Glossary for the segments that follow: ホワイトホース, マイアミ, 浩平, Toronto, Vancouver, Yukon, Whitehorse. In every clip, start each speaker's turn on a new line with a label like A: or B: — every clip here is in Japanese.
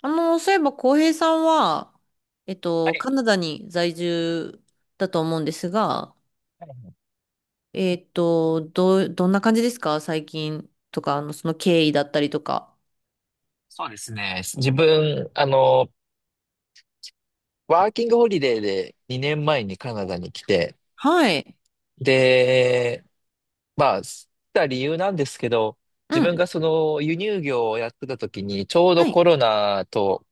A: そういえば、浩平さんは、
B: はい
A: カナダに在住だと思うんですが、
B: はいはい。
A: どんな感じですか、最近とか、その経緯だったりとか。
B: そうですね。自分、ワーキングホリデーで2年前にカナダに来て、
A: はい。
B: で、まあ、来た理由なんですけど、
A: う
B: 自
A: ん。
B: 分がその輸入業をやってた時に、ちょう
A: は
B: どコ
A: い。
B: ロナと、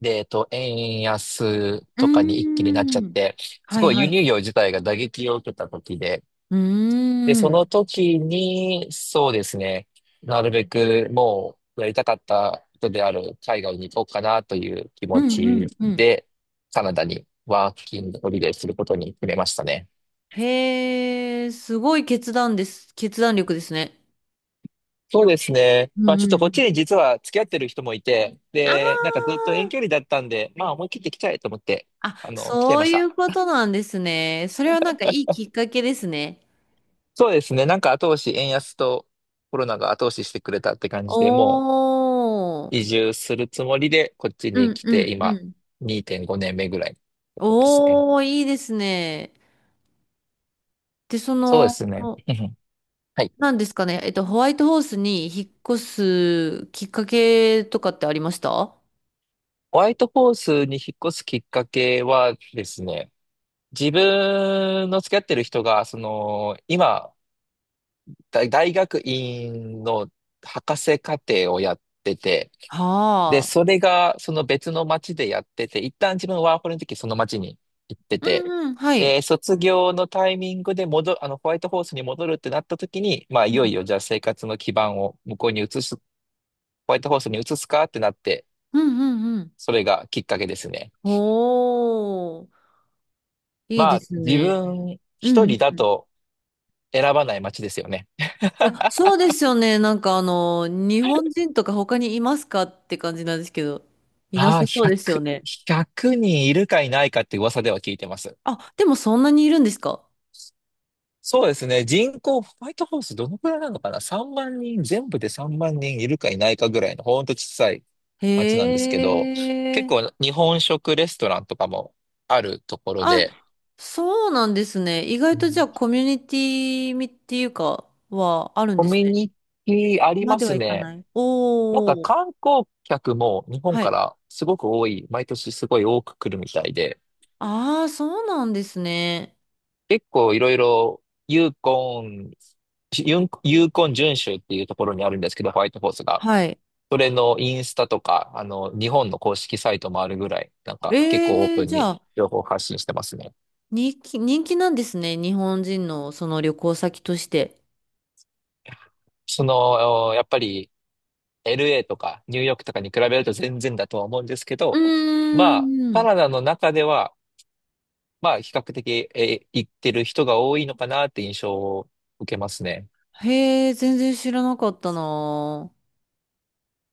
B: で、円安
A: う
B: とかに
A: ー
B: 一気になっちゃっ
A: ん。
B: て、す
A: はい
B: ごい
A: は
B: 輸入
A: い。
B: 業自体が打撃を受けた時で、
A: うー
B: で、その
A: ん。
B: 時に、そうですね、なるべくもうやりたかった人である海外に行こうかなという気
A: う
B: 持
A: んう
B: ち
A: んうん。
B: で、カナダにワーキングホリデーすることに決めましたね。
A: へえ、すごい決断です。決断力ですね。
B: そうですね。
A: う
B: まあ
A: んう
B: ちょっ
A: ん
B: とこ
A: う
B: っち
A: ん。
B: に実は付き合ってる人もいて、で、なんかずっ
A: あ
B: と遠距離だったんで、まあ思い切って来ちゃえと思って、
A: あ、あ、
B: 来ちゃい
A: そ
B: ま
A: う
B: し
A: いう
B: た。
A: ことなんですね。それはなんかいいきっかけですね。
B: そうですね。なんか後押し、円安とコロナが後押ししてくれたって感じで、
A: おー。
B: 移住するつもりで、こっち
A: う
B: に
A: ん
B: 来
A: うん
B: て、
A: う
B: 今、
A: ん。
B: 2.5年目ぐらいのとこですね。
A: おー、いいですね。で、そ
B: そうで
A: の、
B: すね。うん。はい。
A: なんですかね、ホワイトホースに引っ越すきっかけとかってありましたは
B: ホワイトホースに引っ越すきっかけはですね、自分の付き合ってる人が、今、大学院の博士課程をやってて、で、
A: あ。
B: それがその別の町でやってて、一旦自分ワーホリの時その町に行って
A: う
B: て、
A: んうん、は
B: で、
A: い。
B: 卒業のタイミングで戻る、あの、ホワイトホースに戻るってなった時に、まあ、
A: う
B: いよい
A: ん
B: よじゃあ生活の基盤を向こうに移す、ホワイトホースに移すかってなって、
A: うんうんうん。
B: それがきっかけですね。
A: おー、いい
B: ま
A: で
B: あ、
A: す
B: 自
A: ね。
B: 分
A: う
B: 一
A: んう
B: 人
A: ん
B: だ
A: うん。い
B: と選ばない町ですよね。
A: や、そうですよね。なんか日本人とか他にいますかって感じなんですけど、いな
B: ああ、
A: さ
B: 1
A: そうですよね。
B: 100人いるかいないかって噂では聞いてます。
A: あ、でもそんなにいるんですか？
B: そうですね。人口、ホワイトハウスどのくらいなのかな？ 3 万人、全部で3万人いるかいないかぐらいの、ほんと小さい
A: へ
B: 町なんですけど、結
A: え。
B: 構日本食レストランとかもあるところ
A: あ、
B: で、
A: そうなんですね。意
B: う
A: 外とじゃ
B: ん、
A: あコミュニティみっていうかはあるん
B: コ
A: です
B: ミュ
A: ね。
B: ニティあり
A: ま
B: ま
A: では
B: す
A: いか
B: ね。
A: ない。
B: なんか
A: おお。
B: 観光客も日本
A: は
B: か
A: い。
B: らすごく多い、毎年すごい多く来るみたいで、
A: ああ、そうなんですね。
B: 結構いろいろユーコン、ユーコン準州っていうところにあるんですけど、ホワイトホースが。
A: はい。
B: それのインスタとか、日本の公式サイトもあるぐらい、なんか結構オー
A: ええ、
B: プン
A: じゃ
B: に
A: あ、
B: 情報発信してますね。
A: 人気、人気なんですね。日本人のその旅行先として。
B: やっぱり LA とかニューヨークとかに比べると全然だとは思うんですけ
A: う
B: ど、ま
A: ー
B: あ、カ
A: ん。
B: ナダの中では、まあ、比較的、行ってる人が多いのかなって印象を受けますね。
A: へえ、全然知らなかったな。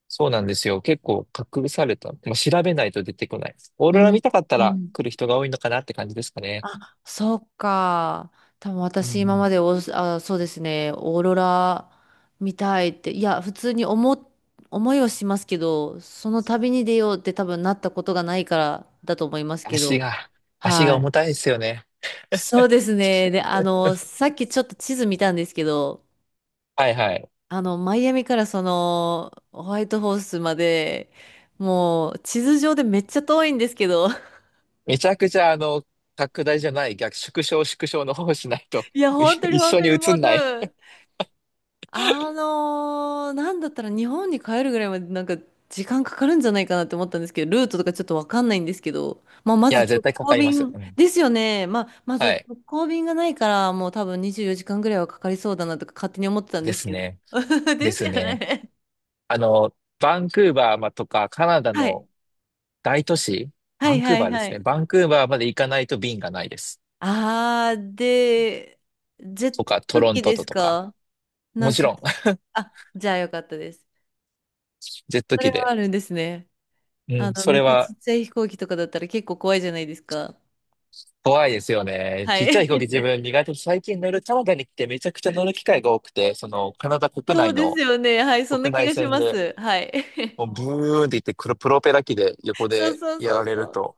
B: そうなんですよ。結構隠された。まあ、調べないと出てこない。オー
A: う
B: ロラ
A: ん。
B: 見たかった
A: う
B: ら
A: ん。
B: 来る人が多いのかなって感じですかね。
A: そっか。多分
B: う
A: 私今
B: ん。
A: までオースあ、そうですね、オーロラ見たいって、いや、普通に思いはしますけど、その旅に出ようって多分なったことがないからだと思いますけ
B: 足
A: ど。
B: が、足
A: は
B: が
A: い。
B: 重たいですよね。
A: そうですね。で、さっきちょっと地図見たんですけど、
B: はいはい。
A: マイアミからその、ホワイトホースまで、もう地図上でめっちゃ遠いんですけど、
B: めちゃくちゃ拡大じゃない、逆、縮小の方をしないと
A: いや、
B: い
A: 本当に
B: 一
A: 本
B: 緒
A: 当
B: に
A: にも
B: 映
A: う
B: ん
A: 多
B: ない。
A: 分、なんだったら日本に帰るぐらいまでなんか時間かかるんじゃないかなって思ったんですけど、ルートとかちょっとわかんないんですけど、まあ、ま
B: い
A: ず
B: や、絶
A: 直
B: 対か
A: 行
B: かります。
A: 便
B: うん。
A: ですよね。まあ、ま
B: は
A: ず
B: い。
A: 直行便がないから、もう多分24時間ぐらいはかかりそうだなとか勝手に思ってたんで
B: で
A: す
B: す
A: けど。
B: ね。で
A: です
B: す
A: よ
B: ね。
A: ね。
B: バンクーバーまとかカナダ
A: はい。
B: の大都市、
A: は
B: バ
A: い
B: ンク
A: は
B: ーバ
A: い
B: ーで
A: は
B: すね。
A: い。
B: バンクーバーまで行かないと便がないです。
A: あー、で、ジェッ
B: とか、ト
A: ト
B: ロン
A: 機
B: ト
A: で
B: と
A: す
B: とか。
A: か？な
B: も
A: ん
B: ち
A: か、
B: ろん、
A: あ、じゃあよかったです。
B: ジェット
A: それ
B: 機
A: は
B: で。
A: あるんですね。
B: うん、そ
A: めっ
B: れ
A: ちゃち
B: は
A: っちゃい飛行機とかだったら結構怖いじゃないですか。
B: 怖いですよね。
A: は
B: ちっちゃい
A: い。
B: 飛行機自 分苦手で最近乗るカナダに来てめちゃくちゃ乗る機会が多くて、そのカナダ国
A: そう
B: 内
A: です
B: の
A: よね。はい。そんな
B: 国
A: 気
B: 内
A: がし
B: 線
A: ま
B: で
A: す。はい。
B: もうブーンって言ってくるプロペラ機で横
A: そう
B: で
A: そう
B: や
A: そ
B: ら
A: う
B: れ
A: そ
B: る
A: う。
B: と、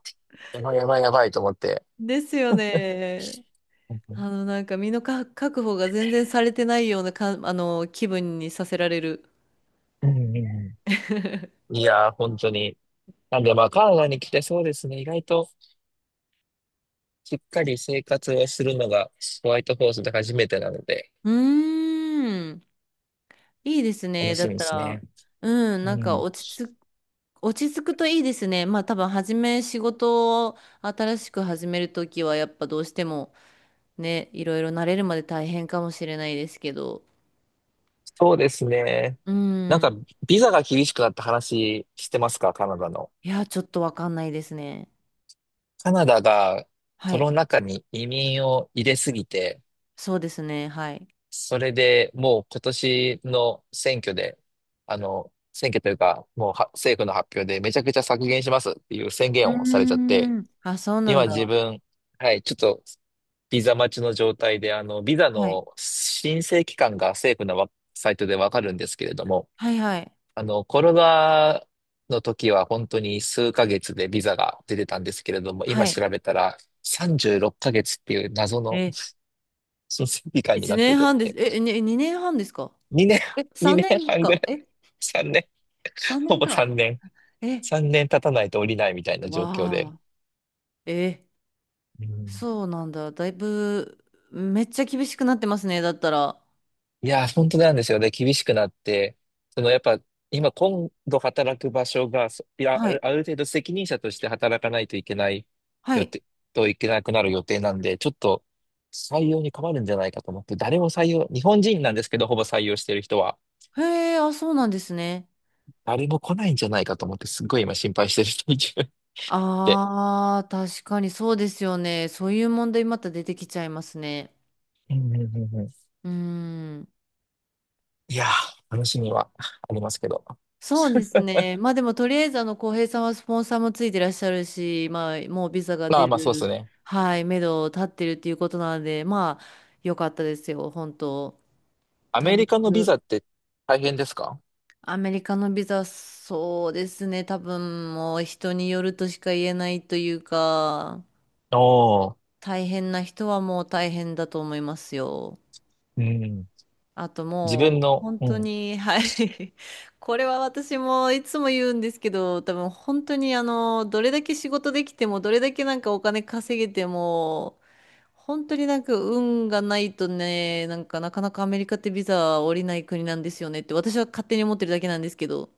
B: やばいやばいやばいと思って。
A: ですよね。
B: うん
A: なんか身のか確保が全然されてないようなか、気分にさせられる。
B: うんうん。 いやー、本当に。なんでまあ、カナダに来てそうですね。意外としっかり生活をするのがホワイトホースで初めてなので、
A: うーん。いいです
B: 楽
A: ね。だ
B: し
A: っ
B: みで
A: た
B: す
A: ら、
B: ね。
A: うん、
B: う
A: なんか
B: ん。
A: 落ち着くといいですね。まあ多分、初め仕事を新しく始めるときは、やっぱどうしてもね、いろいろ慣れるまで大変かもしれないですけど。
B: そうですね。
A: う
B: なんか、
A: ん。
B: ビザが厳しくなった話してますかカナダの？
A: いや、ちょっとわかんないですね。
B: カナダが
A: は
B: コ
A: い。
B: ロナ禍に移民を入れすぎて、
A: そうですね。はい。
B: それでもう今年の選挙で、選挙というか、もうは政府の発表でめちゃくちゃ削減しますっていう宣
A: う
B: 言
A: ー
B: をされちゃって、
A: ん。あ、そうなん
B: 今自
A: だ。
B: 分、はい、ちょっとビザ待ちの状態で、ビザ
A: はい。
B: の申請期間が政府のサイトでわかるんですけれども、
A: はいはい。
B: コロナの時は本当に数ヶ月でビザが出てたんですけれども、
A: は
B: 今
A: い。
B: 調べたら36ヶ月っかげつっていう謎の
A: え、
B: 申請期間に
A: 1
B: なって
A: 年
B: て、
A: 半です。え、に2年半ですか？
B: 2
A: え、
B: 年、
A: 3
B: 2
A: 年
B: 年半ぐらい。
A: か。え、
B: 3年、
A: 3
B: ほ
A: 年
B: ぼ
A: か。
B: 3年。
A: え、
B: 3年経たないと降りないみたいな状況
A: わ
B: で。
A: あ。え、
B: うん。
A: そうなんだ。だいぶ、めっちゃ厳しくなってますね。だったら。
B: いやー、本当なんですよね。厳しくなって、やっぱ、今度働く場所が、そいや、あ
A: は
B: る
A: い。
B: ある程度責任者として働かないといけない
A: は
B: 予
A: い。
B: 定、といけなくなる予定なんで、ちょっと採用に困るんじゃないかと思って、誰も採用、日本人なんですけど、ほぼ採用してる人は、
A: へえ、あ、そうなんですね。
B: 誰も来ないんじゃないかと思って、すっごい今心配してる人いて。
A: ああ、確かにそうですよね。そういう問題また出てきちゃいますね。
B: うんうんうんうん。
A: うーん。
B: いやー、話にはありますけど。
A: そうですね。まあでもとりあえずあの浩平さんはスポンサーもついてらっしゃるし、まあもうビザが
B: まあ
A: 出
B: まあそうです
A: る、
B: ね。
A: はい、目処立ってるっていうことなので、まあ良かったですよ、本当。
B: ア
A: タイ
B: メリ
A: ミ
B: カ
A: ン
B: のビザ
A: グ、
B: って大変ですか？
A: アメリカのビザ、そうですね、多分もう人によるとしか言えないというか、
B: おー、
A: 大変な人はもう大変だと思いますよ。
B: うん。
A: あと
B: 自
A: も
B: 分
A: う
B: の、
A: 本
B: う
A: 当
B: ん。
A: に、はい。これは私もいつも言うんですけど、多分本当にどれだけ仕事できても、どれだけなんかお金稼げても、本当になんか運がないとね、なんかなかなかアメリカってビザは下りない国なんですよねって私は勝手に思ってるだけなんですけど。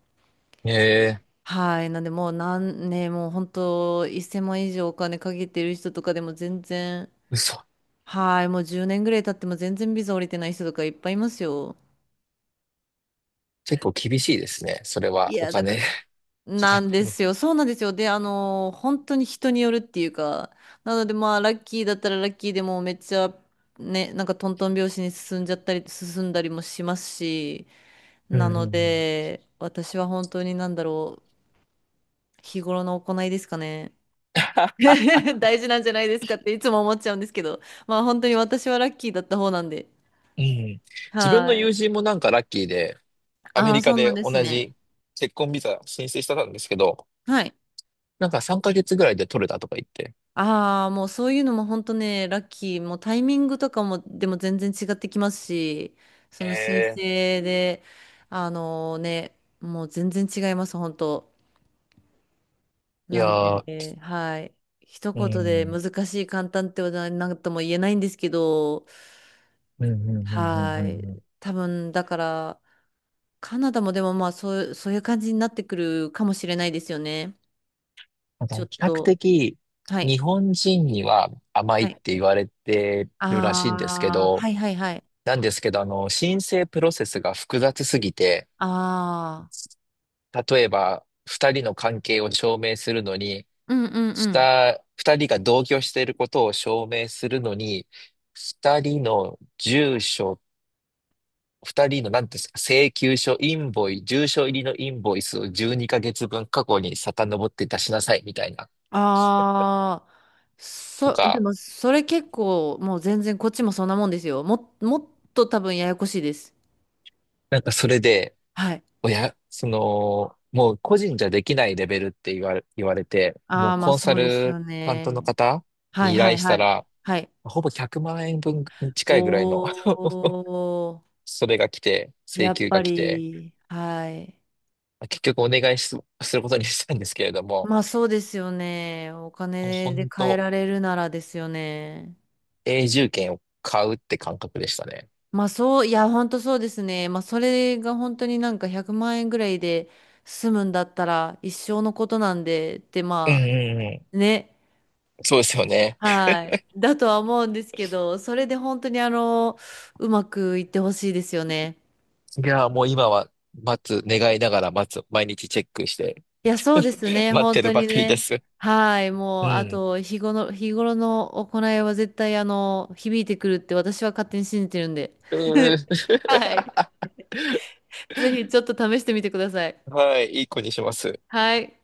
B: ええ、
A: はい。なんでもう何ね、もう本当1000万以上お金かけてる人とかでも全然、
B: 嘘。
A: はい。もう10年ぐらい経っても全然ビザ下りてない人とかいっぱいいますよ。
B: 結構厳しいですね。それ
A: い
B: はお
A: や、だか
B: 金
A: ら、
B: かか
A: な
B: っ
A: ん
B: て
A: で
B: る。
A: すよ。そうなんですよ。で、本当に人によるっていうか、なのでまあ、ラッキーだったらラッキーでもうめっちゃ、ね、なんかトントン拍子に進んじゃったり、進んだりもしますし、
B: うん
A: な
B: うん
A: の
B: うん。
A: で、私は本当になんだろう、日頃の行いですかね。大事なんじゃないですかっていつも思っちゃうんですけど、まあ本当に私はラッキーだった方なんで。
B: うん、自分の
A: はい。
B: 友人もなんかラッキーで、アメ
A: ああ、
B: リカ
A: そんな
B: で
A: で
B: 同
A: すね。
B: じ結婚ビザ申請してたんですけど、
A: はい。
B: なんか3ヶ月ぐらいで取れたとか言って。
A: ああ、もうそういうのも本当ね、ラッキー、もうタイミングとかもでも全然違ってきますし、その申
B: ええ、
A: 請で、あのね、もう全然違います、本当。
B: い
A: な
B: や
A: んで
B: ー、
A: ね、はい。一
B: う
A: 言で
B: ん。
A: 難しい、簡単ってことは何とも言えないんですけど、
B: うんうんうんうん
A: は
B: うん
A: い。
B: うん。
A: 多分、だから、カナダもでもまあそういう感じになってくるかもしれないですよね。ちょっ
B: 比較
A: と、
B: 的
A: はい。
B: 日本人には甘い
A: は
B: っ
A: い。
B: て言われてるらしいんですけ
A: ああ、
B: ど、
A: はいはいはい。
B: なんですけど、申請プロセスが複雑すぎて、
A: ああ。
B: 例えば二人の関係を証明するのに、
A: うんうんうん。
B: 二人が同居していることを証明するのに、二人の住所、二人の何ですか、請求書、インボイ、住所入りのインボイスを12ヶ月分過去に遡って出しなさいみたいな、
A: ああ、
B: と
A: で
B: か、
A: もそれ結構もう全然こっちもそんなもんですよ。もっと多分ややこしいです。
B: なんかそれで、
A: はい。
B: 親、その、もう個人じゃできないレベルって言われて、も
A: あ
B: う
A: あ、まあ
B: コン
A: そ
B: サ
A: うですよ
B: ル担ントの
A: ね。
B: 方
A: はい
B: に依
A: は
B: 頼
A: い
B: し
A: は
B: た
A: い。
B: ら、
A: はい。
B: ほぼ100万円分に近いぐらいの、
A: おー、
B: それが来て、
A: や
B: 請
A: っ
B: 求
A: ぱ
B: が来て、
A: り、はい。
B: 結局お願いす、することにしたんですけれども、
A: まあそうですよね。お
B: もう
A: 金で
B: 本
A: 変え
B: 当
A: られるならですよね。
B: 永住権を買うって感覚でしたね。
A: まあそう、いや、本当そうですね。まあそれが本当になんか100万円ぐらいで済むんだったら一生のことなんでって、
B: うん
A: ま
B: うんう
A: あね、
B: ん。そうですよね。
A: はい。だとは思うんですけど、それで本当にうまくいってほしいですよね。
B: いや、もう今は待つ、願いながら待つ、毎日チェックして、
A: いや、そうです ね。
B: 待っ
A: 本
B: てる
A: 当
B: ば
A: に
B: かりで
A: ね。
B: す。
A: はい。
B: う
A: もう、あ
B: ん。
A: と、日頃の行いは絶対響いてくるって私は勝手に信じてるんで。
B: うーん、
A: はい。ぜひちょっと試してみてください。
B: はい、いい子にします。
A: はい。